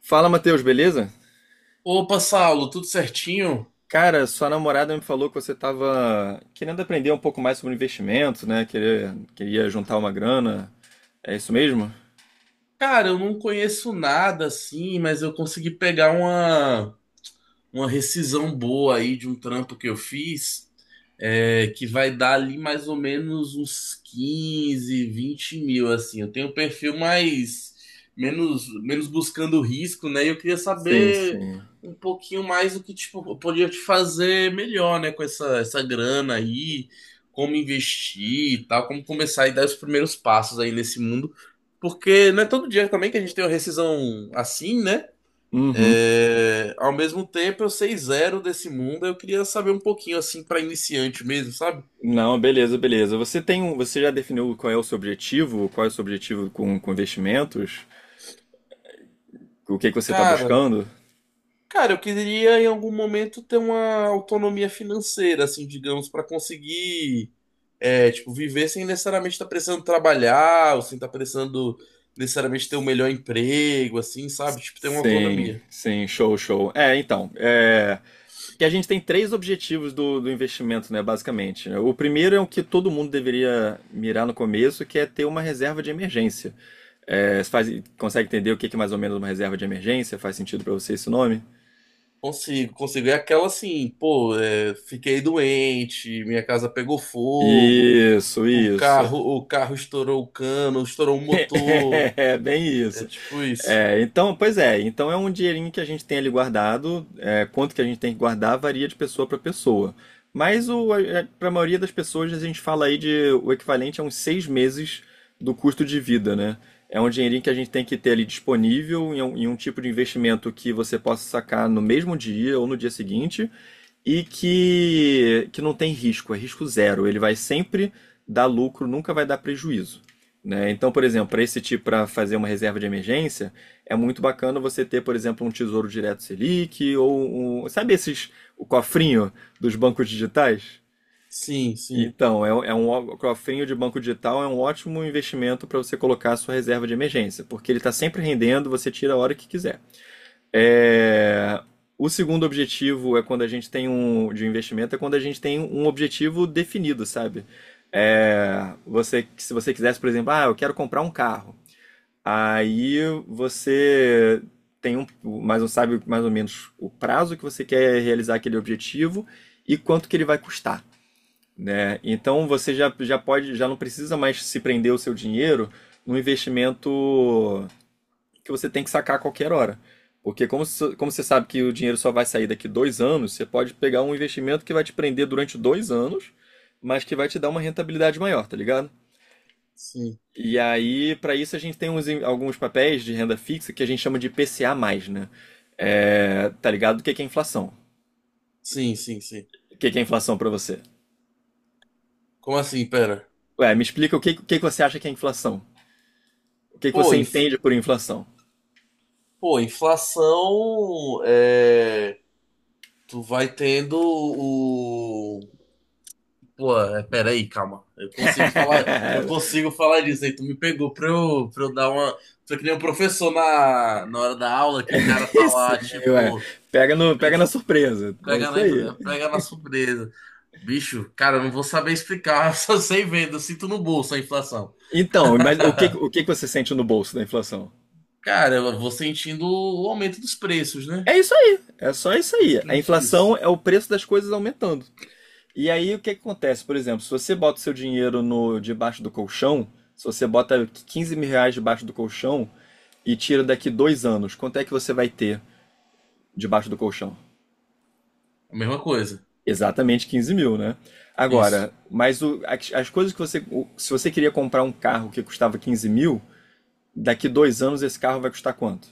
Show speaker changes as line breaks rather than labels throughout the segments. Fala, Matheus, beleza?
Opa, Saulo, tudo certinho?
Cara, sua namorada me falou que você estava querendo aprender um pouco mais sobre investimento, né? Queria juntar uma grana. É isso mesmo?
Cara, eu não conheço nada assim, mas eu consegui pegar uma rescisão boa aí de um trampo que eu fiz, é, que vai dar ali mais ou menos uns 15, 20 mil, assim. Eu tenho um perfil mais, menos buscando risco, né? E eu queria
Sim,
saber
sim.
um pouquinho mais o que, tipo, eu podia te fazer melhor, né? Com essa grana aí, como investir e tal, como começar e dar os primeiros passos aí nesse mundo. Porque não é todo dia também que a gente tem uma rescisão assim, né?
Uhum.
É, ao mesmo tempo, eu sei zero desse mundo. Eu queria saber um pouquinho assim pra iniciante mesmo, sabe?
Não, beleza, beleza. Você já definiu qual é o seu objetivo? Qual é o seu objetivo com investimentos? O que que você está
Cara,
buscando?
cara, eu queria em algum momento ter uma autonomia financeira, assim, digamos, pra conseguir, é, tipo, viver sem necessariamente estar precisando trabalhar, ou sem estar precisando necessariamente ter o melhor emprego, assim, sabe? Tipo, ter uma
Sim,
autonomia.
sim, show, show. Que a gente tem três objetivos do investimento, né, basicamente. Né? O primeiro é o que todo mundo deveria mirar no começo, que é ter uma reserva de emergência. É, você consegue entender o que que é mais ou menos uma reserva de emergência? Faz sentido para você esse nome?
Consigo, consigo. É aquela assim, pô, é, fiquei doente, minha casa pegou fogo.
Isso,
O
isso.
carro, o carro estourou o cano, estourou o motor.
É, bem
É
isso.
tipo isso.
É, então, pois é, então é um dinheirinho que a gente tem ali guardado. É, quanto que a gente tem que guardar varia de pessoa para pessoa. Mas o, Para a maioria das pessoas a gente fala aí de o equivalente a uns seis meses do custo de vida, né? É um dinheirinho que a gente tem que ter ali disponível em um tipo de investimento que você possa sacar no mesmo dia ou no dia seguinte, e que não tem risco, é risco zero. Ele vai sempre dar lucro, nunca vai dar prejuízo. Né? Então, por exemplo, para esse tipo, para fazer uma reserva de emergência, é muito bacana você ter, por exemplo, um Tesouro Direto Selic ou sabe esses o cofrinho dos bancos digitais?
Sim, sim,
Então, cofrinho de banco digital é um ótimo investimento para você colocar a sua reserva de emergência, porque ele está sempre rendendo, você tira a hora que quiser. É, o segundo objetivo é quando a gente tem um de um investimento, é quando a gente tem um objetivo definido, sabe? É, você, se você quisesse, por exemplo, ah, eu quero comprar um carro. Aí você tem um, mais um, Sabe mais ou menos o prazo que você quer realizar aquele objetivo e quanto que ele vai custar. É, então você já pode, já não precisa mais se prender o seu dinheiro num investimento que você tem que sacar a qualquer hora. Porque como você sabe que o dinheiro só vai sair daqui dois anos, você pode pegar um investimento que vai te prender durante dois anos, mas que vai te dar uma rentabilidade maior, tá ligado?
sim,
E aí, para isso, a gente tem alguns papéis de renda fixa que a gente chama de PCA+, né? É, tá ligado? O que que é inflação?
sim, sim, sim.
O que que é inflação para você?
Como assim, pera?
Ué, me explica o que que você acha que é inflação? O que que
Pô,
você
inf-
entende por inflação?
pô, inflação é. Tu vai tendo o. Pô, é, pera aí, calma. Eu consigo falar disso aí. Tu me pegou pra eu dar uma. Foi que nem um professor na hora da aula que o cara tá
Isso,
lá,
ué.
tipo,
Pega no, Pega na
pens-
surpresa. É
pega
isso aí.
na, pega na surpresa. Bicho, cara, eu não vou saber explicar, eu só sei vendo, eu sinto no bolso a inflação.
Então, mas o que que você sente no bolso da inflação?
Cara, eu vou sentindo o aumento dos preços, né?
É isso aí, é só isso aí. A
Basicamente
inflação
isso.
é o preço das coisas aumentando. E aí o que que acontece? Por exemplo, se você bota o seu dinheiro no debaixo do colchão, se você bota 15 mil reais debaixo do colchão e tira daqui dois anos, quanto é que você vai ter debaixo do colchão?
A mesma coisa.
Exatamente 15 mil, né?
Isso.
Agora, as coisas que você. Se você queria comprar um carro que custava 15 mil, daqui dois anos esse carro vai custar quanto?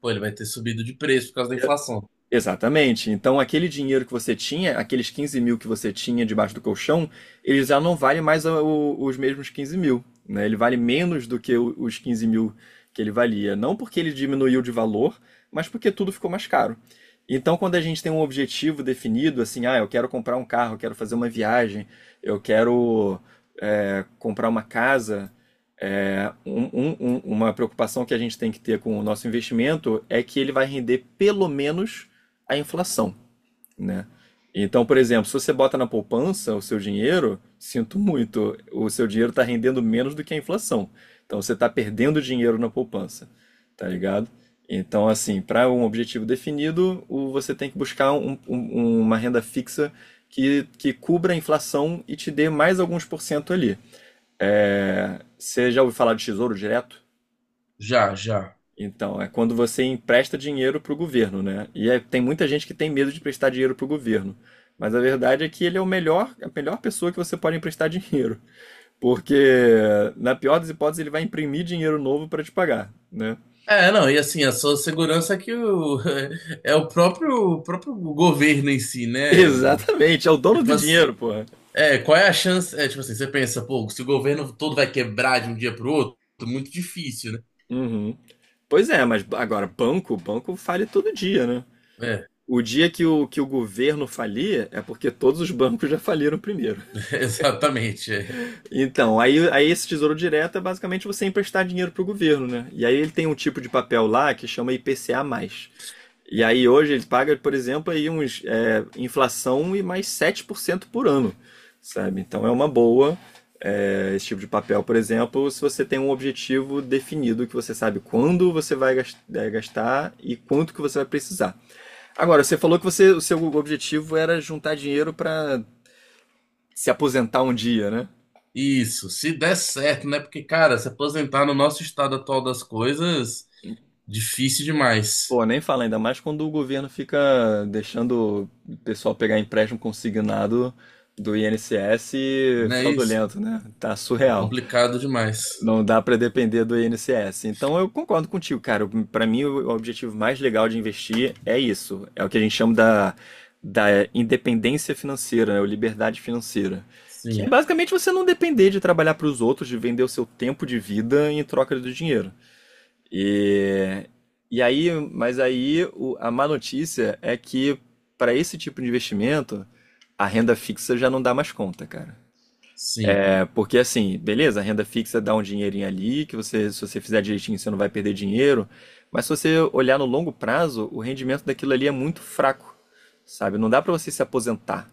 Pô, ele vai ter subido de preço por causa da inflação.
Exatamente. Então, aquele dinheiro que você tinha, aqueles 15 mil que você tinha debaixo do colchão, ele já não vale mais os mesmos 15 mil, né? Ele vale menos do que os 15 mil que ele valia. Não porque ele diminuiu de valor, mas porque tudo ficou mais caro. Então, quando a gente tem um objetivo definido, assim, ah, eu quero comprar um carro, eu quero fazer uma viagem, eu quero é, comprar uma casa, é, uma preocupação que a gente tem que ter com o nosso investimento é que ele vai render pelo menos a inflação, né? Então, por exemplo, se você bota na poupança o seu dinheiro, sinto muito, o seu dinheiro está rendendo menos do que a inflação. Então, você está perdendo dinheiro na poupança, tá ligado? Então, assim, para um objetivo definido, você tem que buscar uma renda fixa que cubra a inflação e te dê mais alguns por cento ali. É, você já ouviu falar de tesouro direto?
Já, já.
Então, é quando você empresta dinheiro para o governo, né? Tem muita gente que tem medo de emprestar dinheiro para o governo. Mas a verdade é que ele é o melhor, a melhor pessoa que você pode emprestar dinheiro. Porque, na pior das hipóteses, ele vai imprimir dinheiro novo para te pagar, né?
É, não, e assim, a sua segurança é que o, é o próprio governo em si, né?
Exatamente, é o dono
Tipo
do
assim,
dinheiro, porra.
é, qual é a chance? É, tipo assim, você pensa, pô, se o governo todo vai quebrar de um dia pro outro, muito difícil, né?
Uhum. Pois é, mas agora, banco fale todo dia, né?
É,
O dia que que o governo falir é porque todos os bancos já faliram primeiro.
exatamente. É.
Então, aí esse tesouro direto é basicamente você emprestar dinheiro pro governo, né? E aí ele tem um tipo de papel lá que chama IPCA+. E aí hoje ele paga, por exemplo, aí uns é, inflação e mais 7% por cento por ano, sabe? Então é uma boa é, esse tipo de papel, por exemplo, se você tem um objetivo definido, que você sabe quando você vai gastar e quanto que você vai precisar. Agora, você falou que o seu objetivo era juntar dinheiro para se aposentar um dia, né?
Isso, se der certo, né? Porque, cara, se aposentar no nosso estado atual das coisas, difícil demais.
Pô, nem fala, ainda mais quando o governo fica deixando o pessoal pegar empréstimo consignado do INSS
Não é isso?
fraudulento, né? Tá
De
surreal.
complicado demais.
Não dá pra depender do INSS. Então eu concordo contigo, cara. Pra mim, o objetivo mais legal de investir é isso. É o que a gente chama da independência financeira, né? Ou liberdade financeira. Que é
Sim,
basicamente você não depender de trabalhar pros outros, de vender o seu tempo de vida em troca do dinheiro. E, mas aí a má notícia é que para esse tipo de investimento, a renda fixa já não dá mais conta, cara.
sim.
É porque assim, beleza, a renda fixa dá um dinheirinho ali, se você fizer direitinho, você não vai perder dinheiro, mas se você olhar no longo prazo, o rendimento daquilo ali é muito fraco, sabe? Não dá para você se aposentar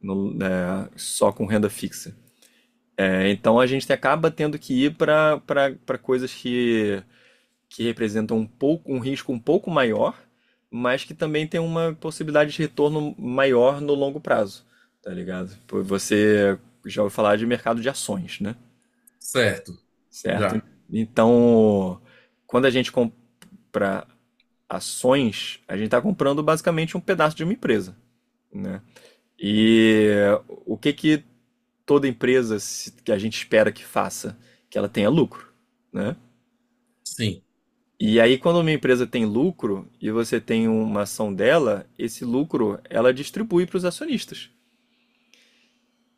né, só com renda fixa. É, então a gente acaba tendo que ir para coisas que representam um pouco um risco um pouco maior, mas que também tem uma possibilidade de retorno maior no longo prazo, tá ligado? Pô, você já ouviu falar de mercado de ações, né?
Certo.
Certo?
Já.
Então, quando a gente compra ações, a gente está comprando basicamente um pedaço de uma empresa, né? E o que que toda empresa que a gente espera que faça? Que ela tenha lucro, né?
Sim.
E aí, quando uma empresa tem lucro e você tem uma ação dela, esse lucro ela distribui para os acionistas.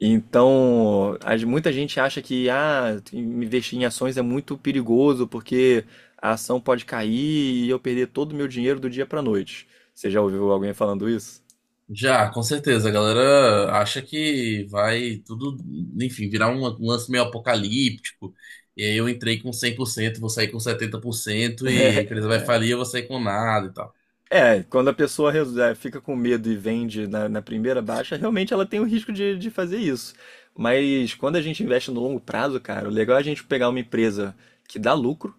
Então, muita gente acha que ah, investir em ações é muito perigoso porque a ação pode cair e eu perder todo o meu dinheiro do dia para noite. Você já ouviu alguém falando isso?
Já, com certeza. A galera acha que vai tudo, enfim, virar um lance meio apocalíptico. E aí eu entrei com 100%, vou sair com 70% e a empresa vai falir, eu vou sair com nada e tal.
É, quando a pessoa fica com medo e vende na primeira baixa, realmente ela tem o risco de fazer isso. Mas quando a gente investe no longo prazo, cara, o legal é a gente pegar uma empresa que dá lucro,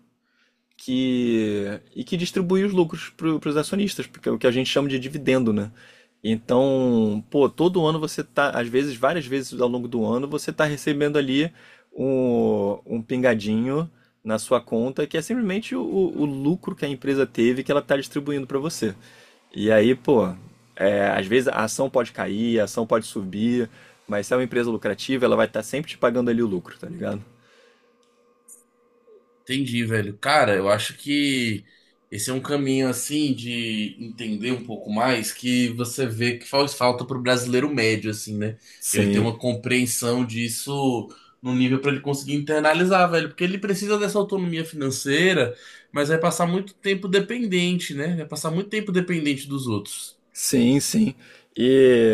que distribui os lucros para os acionistas, porque é o que a gente chama de dividendo, né? Então, pô, todo ano você tá, às vezes, várias vezes ao longo do ano, você tá recebendo ali um pingadinho na sua conta, que é simplesmente o lucro que a empresa teve que ela tá distribuindo para você. E aí, pô, é, às vezes a ação pode cair, a ação pode subir, mas se é uma empresa lucrativa, ela vai estar sempre te pagando ali o lucro, tá ligado?
Entendi, velho. Cara, eu acho que esse é um caminho assim de entender um pouco mais que você vê que faz falta pro brasileiro médio, assim, né? Ele tem
Sim.
uma compreensão disso no nível para ele conseguir internalizar, velho, porque ele precisa dessa autonomia financeira, mas vai passar muito tempo dependente, né? Vai passar muito tempo dependente dos outros.
Sim, sim. E,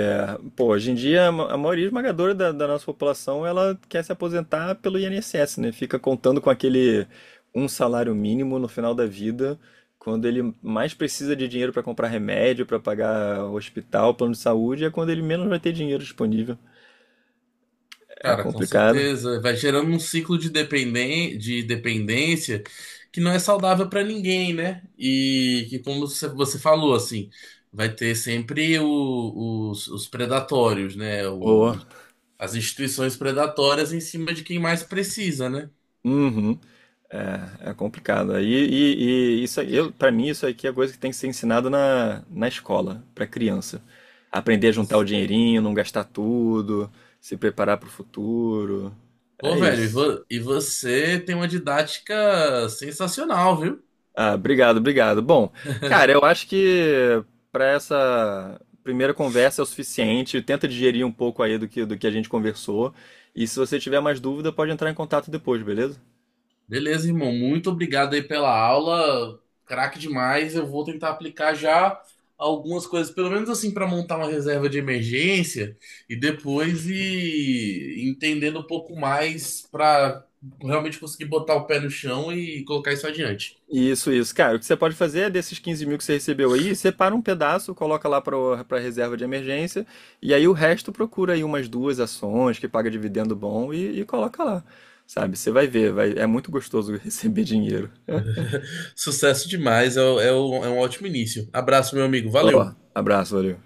pô, hoje em dia a a maioria esmagadora da nossa população ela quer se aposentar pelo INSS, né? Fica contando com aquele um salário mínimo no final da vida, quando ele mais precisa de dinheiro para comprar remédio, para pagar hospital, plano de saúde, é quando ele menos vai ter dinheiro disponível. É
Cara, com
complicado.
certeza. Vai gerando um ciclo de dependen de dependência que não é saudável pra ninguém, né? E que, como você falou, assim, vai ter sempre os predatórios, né? O-
Boa.
as instituições predatórias em cima de quem mais precisa, né?
É, é complicado. E isso, eu, para mim, isso aqui é coisa que tem que ser ensinado na escola, para criança. Aprender a juntar o dinheirinho, não gastar tudo, se preparar para o futuro.
Pô,
É
velho, e,
isso.
vo- e você tem uma didática sensacional, viu?
Ah, obrigado, obrigado. Bom, cara, eu acho que para essa primeira conversa é o suficiente. Tenta digerir um pouco aí do que a gente conversou. E se você tiver mais dúvida, pode entrar em contato depois, beleza?
Beleza, irmão. Muito obrigado aí pela aula. Craque demais. Eu vou tentar aplicar já algumas coisas, pelo menos assim, para montar uma reserva de emergência e depois ir entendendo um pouco mais para realmente conseguir botar o pé no chão e colocar isso adiante.
Isso, isso. Cara, o que você pode fazer é desses 15 mil que você recebeu aí, separa um pedaço, coloca lá para reserva de emergência, e aí o resto procura aí umas duas ações que paga dividendo bom e coloca lá. Sabe? Você vai ver, vai, é muito gostoso receber dinheiro.
Sucesso demais. É um ótimo início. Abraço, meu amigo.
Ó,
Valeu.
abraço, valeu.